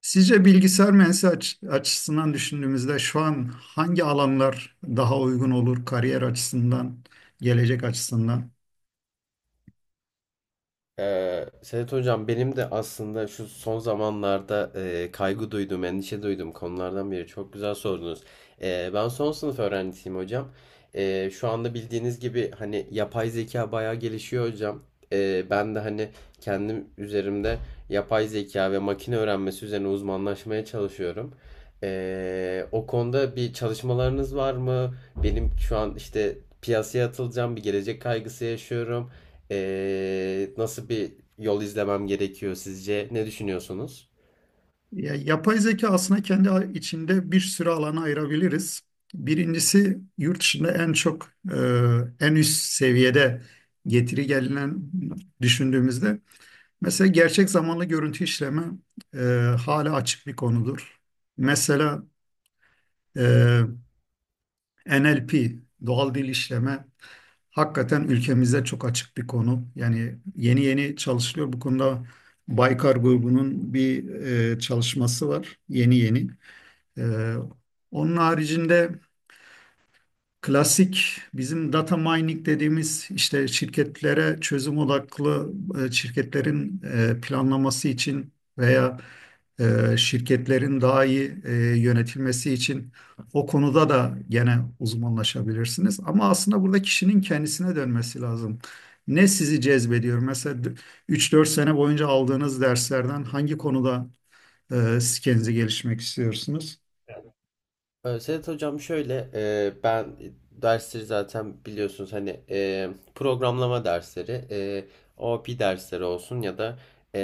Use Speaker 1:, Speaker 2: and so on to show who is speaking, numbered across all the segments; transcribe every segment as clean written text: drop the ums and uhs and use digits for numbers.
Speaker 1: Sizce bilgisayar mühendisi açısından düşündüğümüzde şu an hangi alanlar daha uygun olur kariyer açısından, gelecek açısından?
Speaker 2: Sedat Hocam benim de aslında şu son zamanlarda kaygı duyduğum, endişe duyduğum konulardan biri. Çok güzel sordunuz. Ben son sınıf öğrencisiyim hocam. Şu anda bildiğiniz gibi hani yapay zeka bayağı gelişiyor hocam. Ben de hani kendim üzerimde yapay zeka ve makine öğrenmesi üzerine uzmanlaşmaya çalışıyorum. O konuda bir çalışmalarınız var mı? Benim şu an işte piyasaya atılacağım bir gelecek kaygısı yaşıyorum. Nasıl bir yol izlemem gerekiyor sizce? Ne düşünüyorsunuz?
Speaker 1: Ya, yapay zeka aslında kendi içinde bir sürü alana ayırabiliriz. Birincisi yurt dışında en çok en üst seviyede getiri gelinen düşündüğümüzde mesela gerçek zamanlı görüntü işleme e, hala açık bir konudur. Mesela e, NLP doğal dil işleme hakikaten ülkemizde çok açık bir konu. Yani yeni yeni çalışılıyor bu konuda. Baykar grubunun bir çalışması var yeni yeni. Ee, Onun haricinde klasik bizim data mining dediğimiz işte şirketlere çözüm odaklı, şirketlerin planlaması için veya şirketlerin daha iyi yönetilmesi için o konuda da gene uzmanlaşabilirsiniz. Ama aslında burada kişinin kendisine dönmesi lazım. Ne sizi cezbediyor? Mesela 3-4 sene boyunca aldığınız derslerden hangi konuda e, siz kendinizi gelişmek istiyorsunuz?
Speaker 2: Sedat Hocam şöyle ben dersleri zaten biliyorsunuz hani programlama dersleri, OOP dersleri olsun ya da e,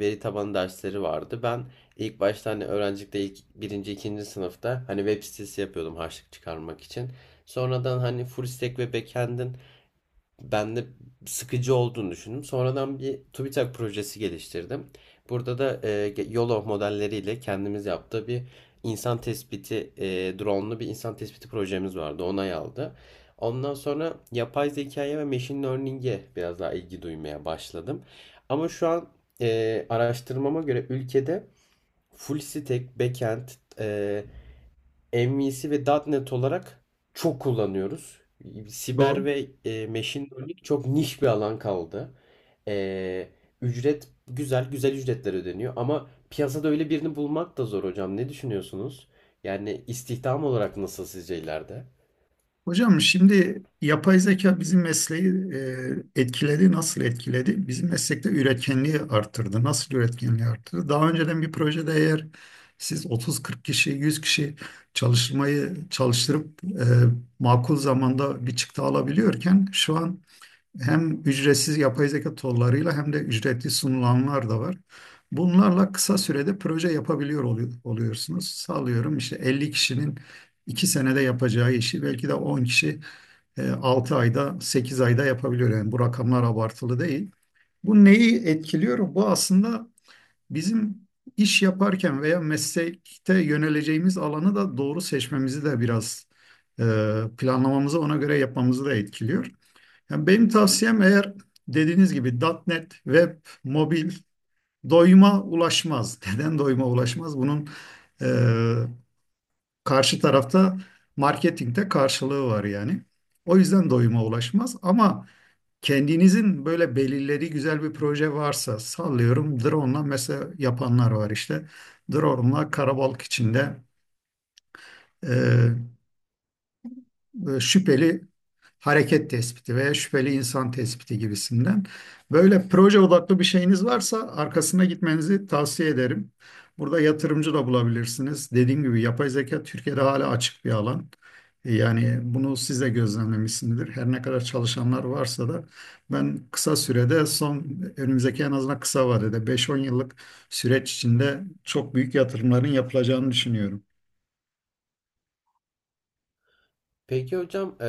Speaker 2: veri tabanı dersleri vardı. Ben ilk başta hani öğrencilikte ilk birinci, ikinci sınıfta hani web sitesi yapıyordum harçlık çıkarmak için. Sonradan hani full stack ve backend'in ben de sıkıcı olduğunu düşündüm. Sonradan bir TÜBİTAK projesi geliştirdim. Burada da YOLO modelleriyle kendimiz yaptığı bir insan tespiti, drone'lu bir insan tespiti projemiz vardı. Onay aldı. Ondan sonra yapay zekaya ve machine learning'e biraz daha ilgi duymaya başladım. Ama şu an araştırmama göre ülkede full stack, backend, e, MVC ve .nokta .NET olarak çok kullanıyoruz. Siber
Speaker 1: Bu
Speaker 2: ve machine learning çok niş bir alan kaldı. E, güzel ücretler ödeniyor ama piyasada öyle birini bulmak da zor hocam. Ne düşünüyorsunuz? Yani istihdam olarak nasıl sizce ileride?
Speaker 1: hocam, şimdi yapay zeka bizim mesleği etkiledi. Nasıl etkiledi? Bizim meslekte üretkenliği arttırdı. Nasıl üretkenliği arttırdı? Daha önceden bir projede eğer siz 30-40 kişi, 100 kişi çalışmayı çalıştırıp makul zamanda bir çıktı alabiliyorken şu an hem ücretsiz yapay zeka tollarıyla hem de ücretli sunulanlar da var. Bunlarla kısa sürede proje yapabiliyor oluyorsunuz. Sağlıyorum, işte 50 kişinin 2 senede yapacağı işi belki de 10 kişi 6 ayda 8 ayda yapabiliyor. Yani bu rakamlar abartılı değil. Bu neyi etkiliyor? Bu aslında bizim iş yaparken veya meslekte yöneleceğimiz alanı da doğru seçmemizi de biraz e, planlamamızı ona göre yapmamızı da etkiliyor. Yani benim tavsiyem, eğer dediğiniz gibi .NET, web, mobil doyuma ulaşmaz. Neden doyuma ulaşmaz? Bunun e, karşı tarafta marketingte karşılığı var yani. O yüzden doyuma ulaşmaz ama kendinizin böyle belirlediği güzel bir proje varsa, sallıyorum drone'la mesela yapanlar var işte. Drone'la karabalık içinde e, şüpheli hareket tespiti veya şüpheli insan tespiti gibisinden. Böyle proje odaklı bir şeyiniz varsa arkasına gitmenizi tavsiye ederim. Burada yatırımcı da bulabilirsiniz. Dediğim gibi yapay zeka Türkiye'de hala açık bir alan. Yani bunu siz de gözlemlemişsinizdir. Her ne kadar çalışanlar varsa da ben kısa sürede son önümüzdeki en azından kısa vadede 5-10 yıllık süreç içinde çok büyük yatırımların yapılacağını düşünüyorum.
Speaker 2: Peki hocam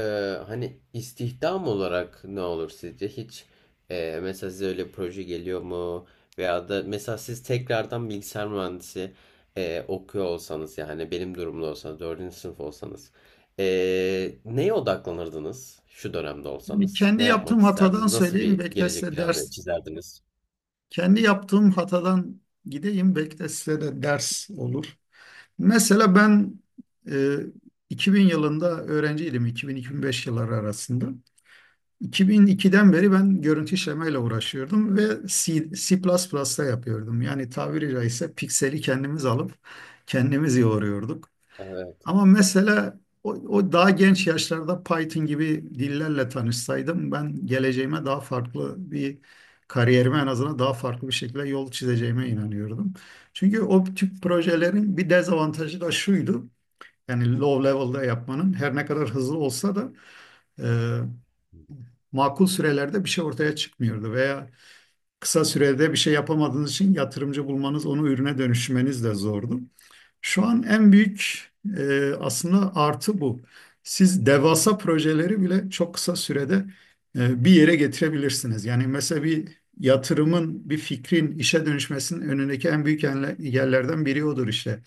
Speaker 2: hani istihdam olarak ne olur sizce? Hiç mesela size öyle bir proje geliyor mu? Veya da mesela siz tekrardan bilgisayar mühendisi okuyor olsanız yani benim durumda olsanız dördüncü sınıf olsanız neye odaklanırdınız şu dönemde
Speaker 1: Yani
Speaker 2: olsanız?
Speaker 1: kendi
Speaker 2: Ne yapmak
Speaker 1: yaptığım
Speaker 2: isterdiniz?
Speaker 1: hatadan
Speaker 2: Nasıl
Speaker 1: söyleyeyim.
Speaker 2: bir
Speaker 1: Belki de
Speaker 2: gelecek
Speaker 1: size
Speaker 2: planı
Speaker 1: ders
Speaker 2: çizerdiniz?
Speaker 1: Kendi yaptığım hatadan gideyim. Belki de size de ders olur. Mesela ben e, 2000 yılında öğrenciydim. 2000-2005 yılları arasında. 2002'den beri ben görüntü işlemeyle uğraşıyordum ve C, C++'da yapıyordum. Yani tabiri caizse pikseli kendimiz alıp kendimiz yoğuruyorduk. Ama mesela o daha genç yaşlarda Python gibi dillerle tanışsaydım ben geleceğime daha farklı bir kariyerime en azından daha farklı bir şekilde yol çizeceğime inanıyordum. Çünkü o tip projelerin bir dezavantajı da şuydu. Yani low level'da yapmanın her ne kadar hızlı olsa da e, makul sürelerde bir şey ortaya çıkmıyordu veya kısa sürede bir şey yapamadığınız için yatırımcı bulmanız, onu ürüne dönüşmeniz de zordu. Şu an en büyük aslında artı bu. Siz devasa projeleri bile çok kısa sürede bir yere getirebilirsiniz. Yani mesela bir yatırımın, bir fikrin işe dönüşmesinin önündeki en büyük engellerden biri odur işte.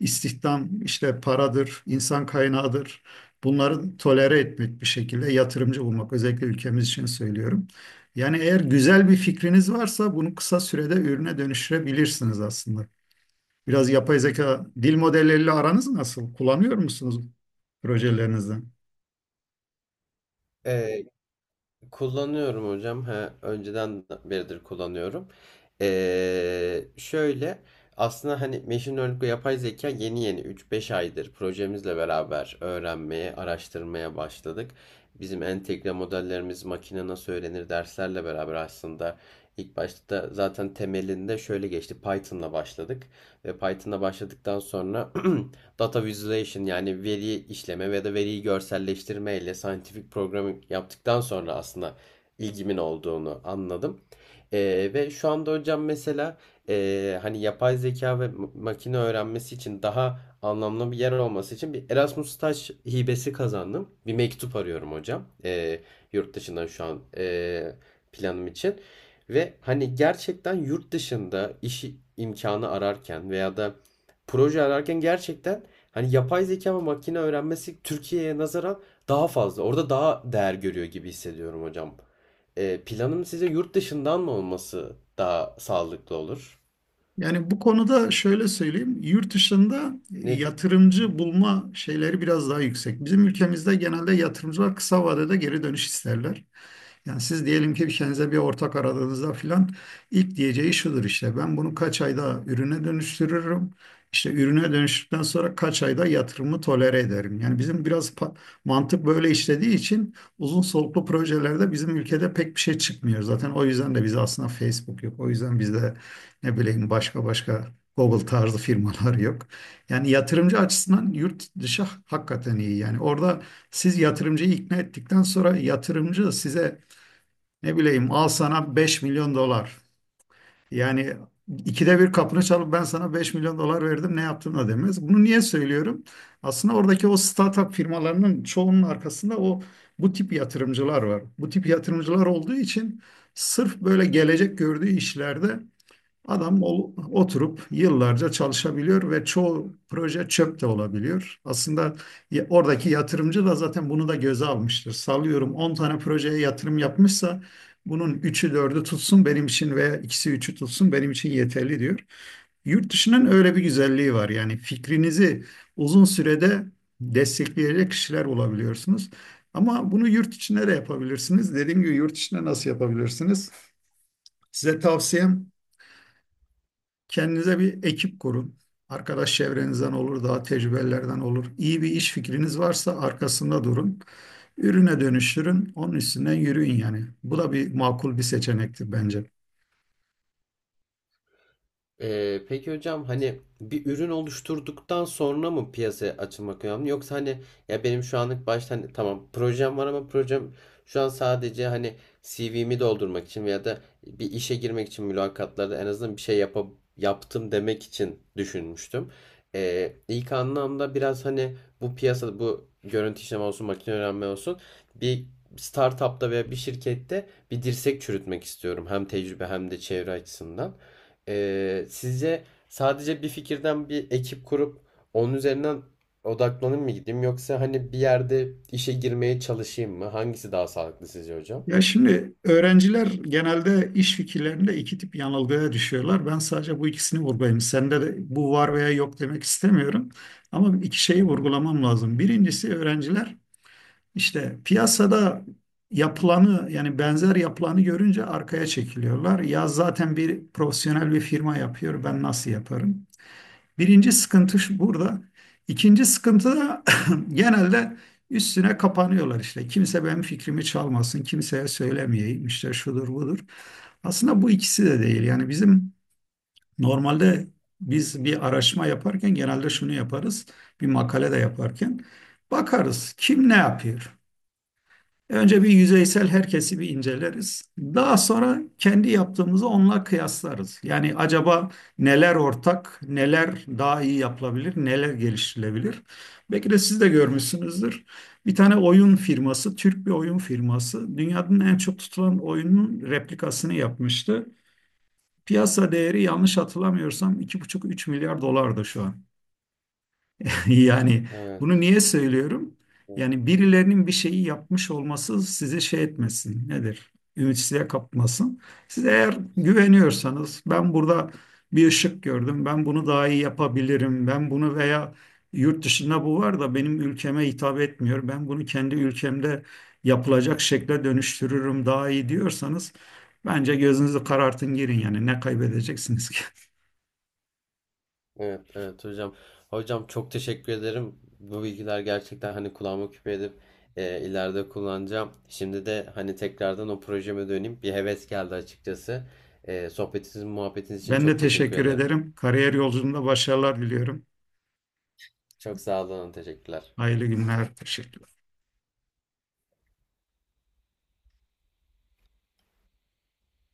Speaker 1: İstihdam, işte paradır, insan kaynağıdır. Bunları tolere etmek bir şekilde yatırımcı bulmak. Özellikle ülkemiz için söylüyorum. Yani eğer güzel bir fikriniz varsa bunu kısa sürede ürüne dönüştürebilirsiniz aslında. Biraz yapay zeka dil modelleriyle aranız nasıl? Kullanıyor musunuz projelerinizde?
Speaker 2: Evet. Kullanıyorum hocam. Ha, önceden beridir kullanıyorum. Şöyle aslında hani machine learning ve yapay zeka yeni yeni 3-5 aydır projemizle beraber öğrenmeye, araştırmaya başladık. Bizim entegre modellerimiz makine nasıl öğrenir derslerle beraber aslında ilk başta zaten temelinde şöyle geçti. Python'la başladık ve Python'la başladıktan sonra data visualization yani veri işleme ve de veriyi görselleştirme ile scientific programming yaptıktan sonra aslında ilgimin olduğunu anladım. Ve şu anda hocam mesela hani yapay zeka ve makine öğrenmesi için daha anlamlı bir yer olması için bir Erasmus staj hibesi kazandım. Bir mektup arıyorum hocam. Yurt dışından şu an planım için. Ve hani gerçekten yurt dışında iş imkanı ararken veya da proje ararken gerçekten hani yapay zeka ve makine öğrenmesi Türkiye'ye nazaran daha fazla. Orada daha değer görüyor gibi hissediyorum hocam. Planım size yurt dışından mı olması daha sağlıklı olur?
Speaker 1: Yani bu konuda şöyle söyleyeyim, yurt dışında
Speaker 2: Ne
Speaker 1: yatırımcı bulma şeyleri biraz daha yüksek. Bizim ülkemizde genelde yatırımcılar kısa vadede geri dönüş isterler. Yani siz diyelim ki kendinize bir ortak aradığınızda filan, ilk diyeceği şudur, işte ben bunu kaç ayda ürüne dönüştürürüm. İşte ürüne dönüştükten sonra kaç ayda yatırımı tolere ederim. Yani bizim biraz mantık böyle işlediği için uzun soluklu projelerde bizim ülkede pek bir şey çıkmıyor. Zaten o yüzden de bize aslında Facebook yok. O yüzden bizde ne bileyim başka Google tarzı firmalar yok. Yani yatırımcı açısından yurt dışı hakikaten iyi. Yani orada siz yatırımcıyı ikna ettikten sonra yatırımcı size ne bileyim al sana 5 milyon dolar. Yani ikide bir kapını çalıp ben sana 5 milyon dolar verdim ne yaptın da demez. Bunu niye söylüyorum? Aslında oradaki o startup firmalarının çoğunun arkasında bu tip yatırımcılar var. Bu tip yatırımcılar olduğu için sırf böyle gelecek gördüğü işlerde adam oturup yıllarca çalışabiliyor ve çoğu proje çöp de olabiliyor. Aslında oradaki yatırımcı da zaten bunu da göze almıştır. Sallıyorum 10 tane projeye yatırım yapmışsa bunun üçü dördü tutsun benim için veya ikisi üçü tutsun benim için yeterli diyor. Yurt dışının öyle bir güzelliği var. Yani fikrinizi uzun sürede destekleyecek kişiler bulabiliyorsunuz. Ama bunu yurt içinde de yapabilirsiniz. Dediğim gibi yurt içinde nasıl yapabilirsiniz? Size tavsiyem, kendinize bir ekip kurun. Arkadaş çevrenizden olur, daha tecrübelerden olur. İyi bir iş fikriniz varsa arkasında durun. Ürüne dönüştürün, onun üstünden yürüyün yani. Bu da bir makul bir seçenektir bence.
Speaker 2: Peki hocam hani bir ürün oluşturduktan sonra mı piyasaya açılmak önemli yoksa hani ya benim şu anlık başta hani tamam projem var ama projem şu an sadece hani CV'mi doldurmak için veya da bir işe girmek için mülakatlarda en azından bir şey yapa, yaptım demek için düşünmüştüm. İlk anlamda biraz hani bu piyasada bu görüntü işleme olsun makine öğrenme olsun bir startupta veya bir şirkette bir dirsek çürütmek istiyorum hem tecrübe hem de çevre açısından. Sizce sadece bir fikirden bir ekip kurup onun üzerinden odaklanıp mı gideyim yoksa hani bir yerde işe girmeye çalışayım mı? Hangisi daha sağlıklı sizce hocam?
Speaker 1: Ya şimdi öğrenciler genelde iş fikirlerinde iki tip yanılgıya düşüyorlar. Ben sadece bu ikisini vurgulayayım. Sende de bu var veya yok demek istemiyorum. Ama iki şeyi
Speaker 2: Tamam.
Speaker 1: vurgulamam lazım. Birincisi öğrenciler İşte piyasada yapılanı yani benzer yapılanı görünce arkaya çekiliyorlar. Ya zaten bir profesyonel bir firma yapıyor, ben nasıl yaparım? Birinci sıkıntı burada. İkinci sıkıntı da genelde üstüne kapanıyorlar işte. Kimse benim fikrimi çalmasın, kimseye söylemeyeyim işte şudur budur. Aslında bu ikisi de değil. Yani bizim normalde biz bir araştırma yaparken genelde şunu yaparız. Bir makale de yaparken bakarız kim ne yapıyor? Önce bir yüzeysel herkesi bir inceleriz. Daha sonra kendi yaptığımızı onunla kıyaslarız. Yani acaba neler ortak, neler daha iyi yapılabilir, neler geliştirilebilir? Belki de siz de görmüşsünüzdür. Bir tane oyun firması, Türk bir oyun firması, dünyanın en çok tutulan oyunun replikasını yapmıştı. Piyasa değeri yanlış hatırlamıyorsam 2,5-3 milyar dolardı şu an. Yani bunu
Speaker 2: Evet.
Speaker 1: niye söylüyorum?
Speaker 2: Evet,
Speaker 1: Yani birilerinin bir şeyi yapmış olması sizi şey etmesin. Nedir? Ümitsizliğe kapmasın. Siz eğer güveniyorsanız ben burada bir ışık gördüm. Ben bunu daha iyi yapabilirim. Ben bunu veya yurt dışında bu var da benim ülkeme hitap etmiyor. Ben bunu kendi ülkemde yapılacak şekle dönüştürürüm daha iyi diyorsanız bence gözünüzü karartın girin yani ne kaybedeceksiniz ki?
Speaker 2: evet, evet hocam. Hocam çok teşekkür ederim. Bu bilgiler gerçekten hani kulağıma küpe edip ileride kullanacağım. Şimdi de hani tekrardan o projeme döneyim. Bir heves geldi açıkçası. Sohbetiniz, muhabbetiniz için
Speaker 1: Ben de
Speaker 2: çok teşekkür
Speaker 1: teşekkür
Speaker 2: ederim.
Speaker 1: ederim. Kariyer yolculuğunda başarılar diliyorum.
Speaker 2: Çok sağ olun, teşekkürler.
Speaker 1: Hayırlı günler. Teşekkür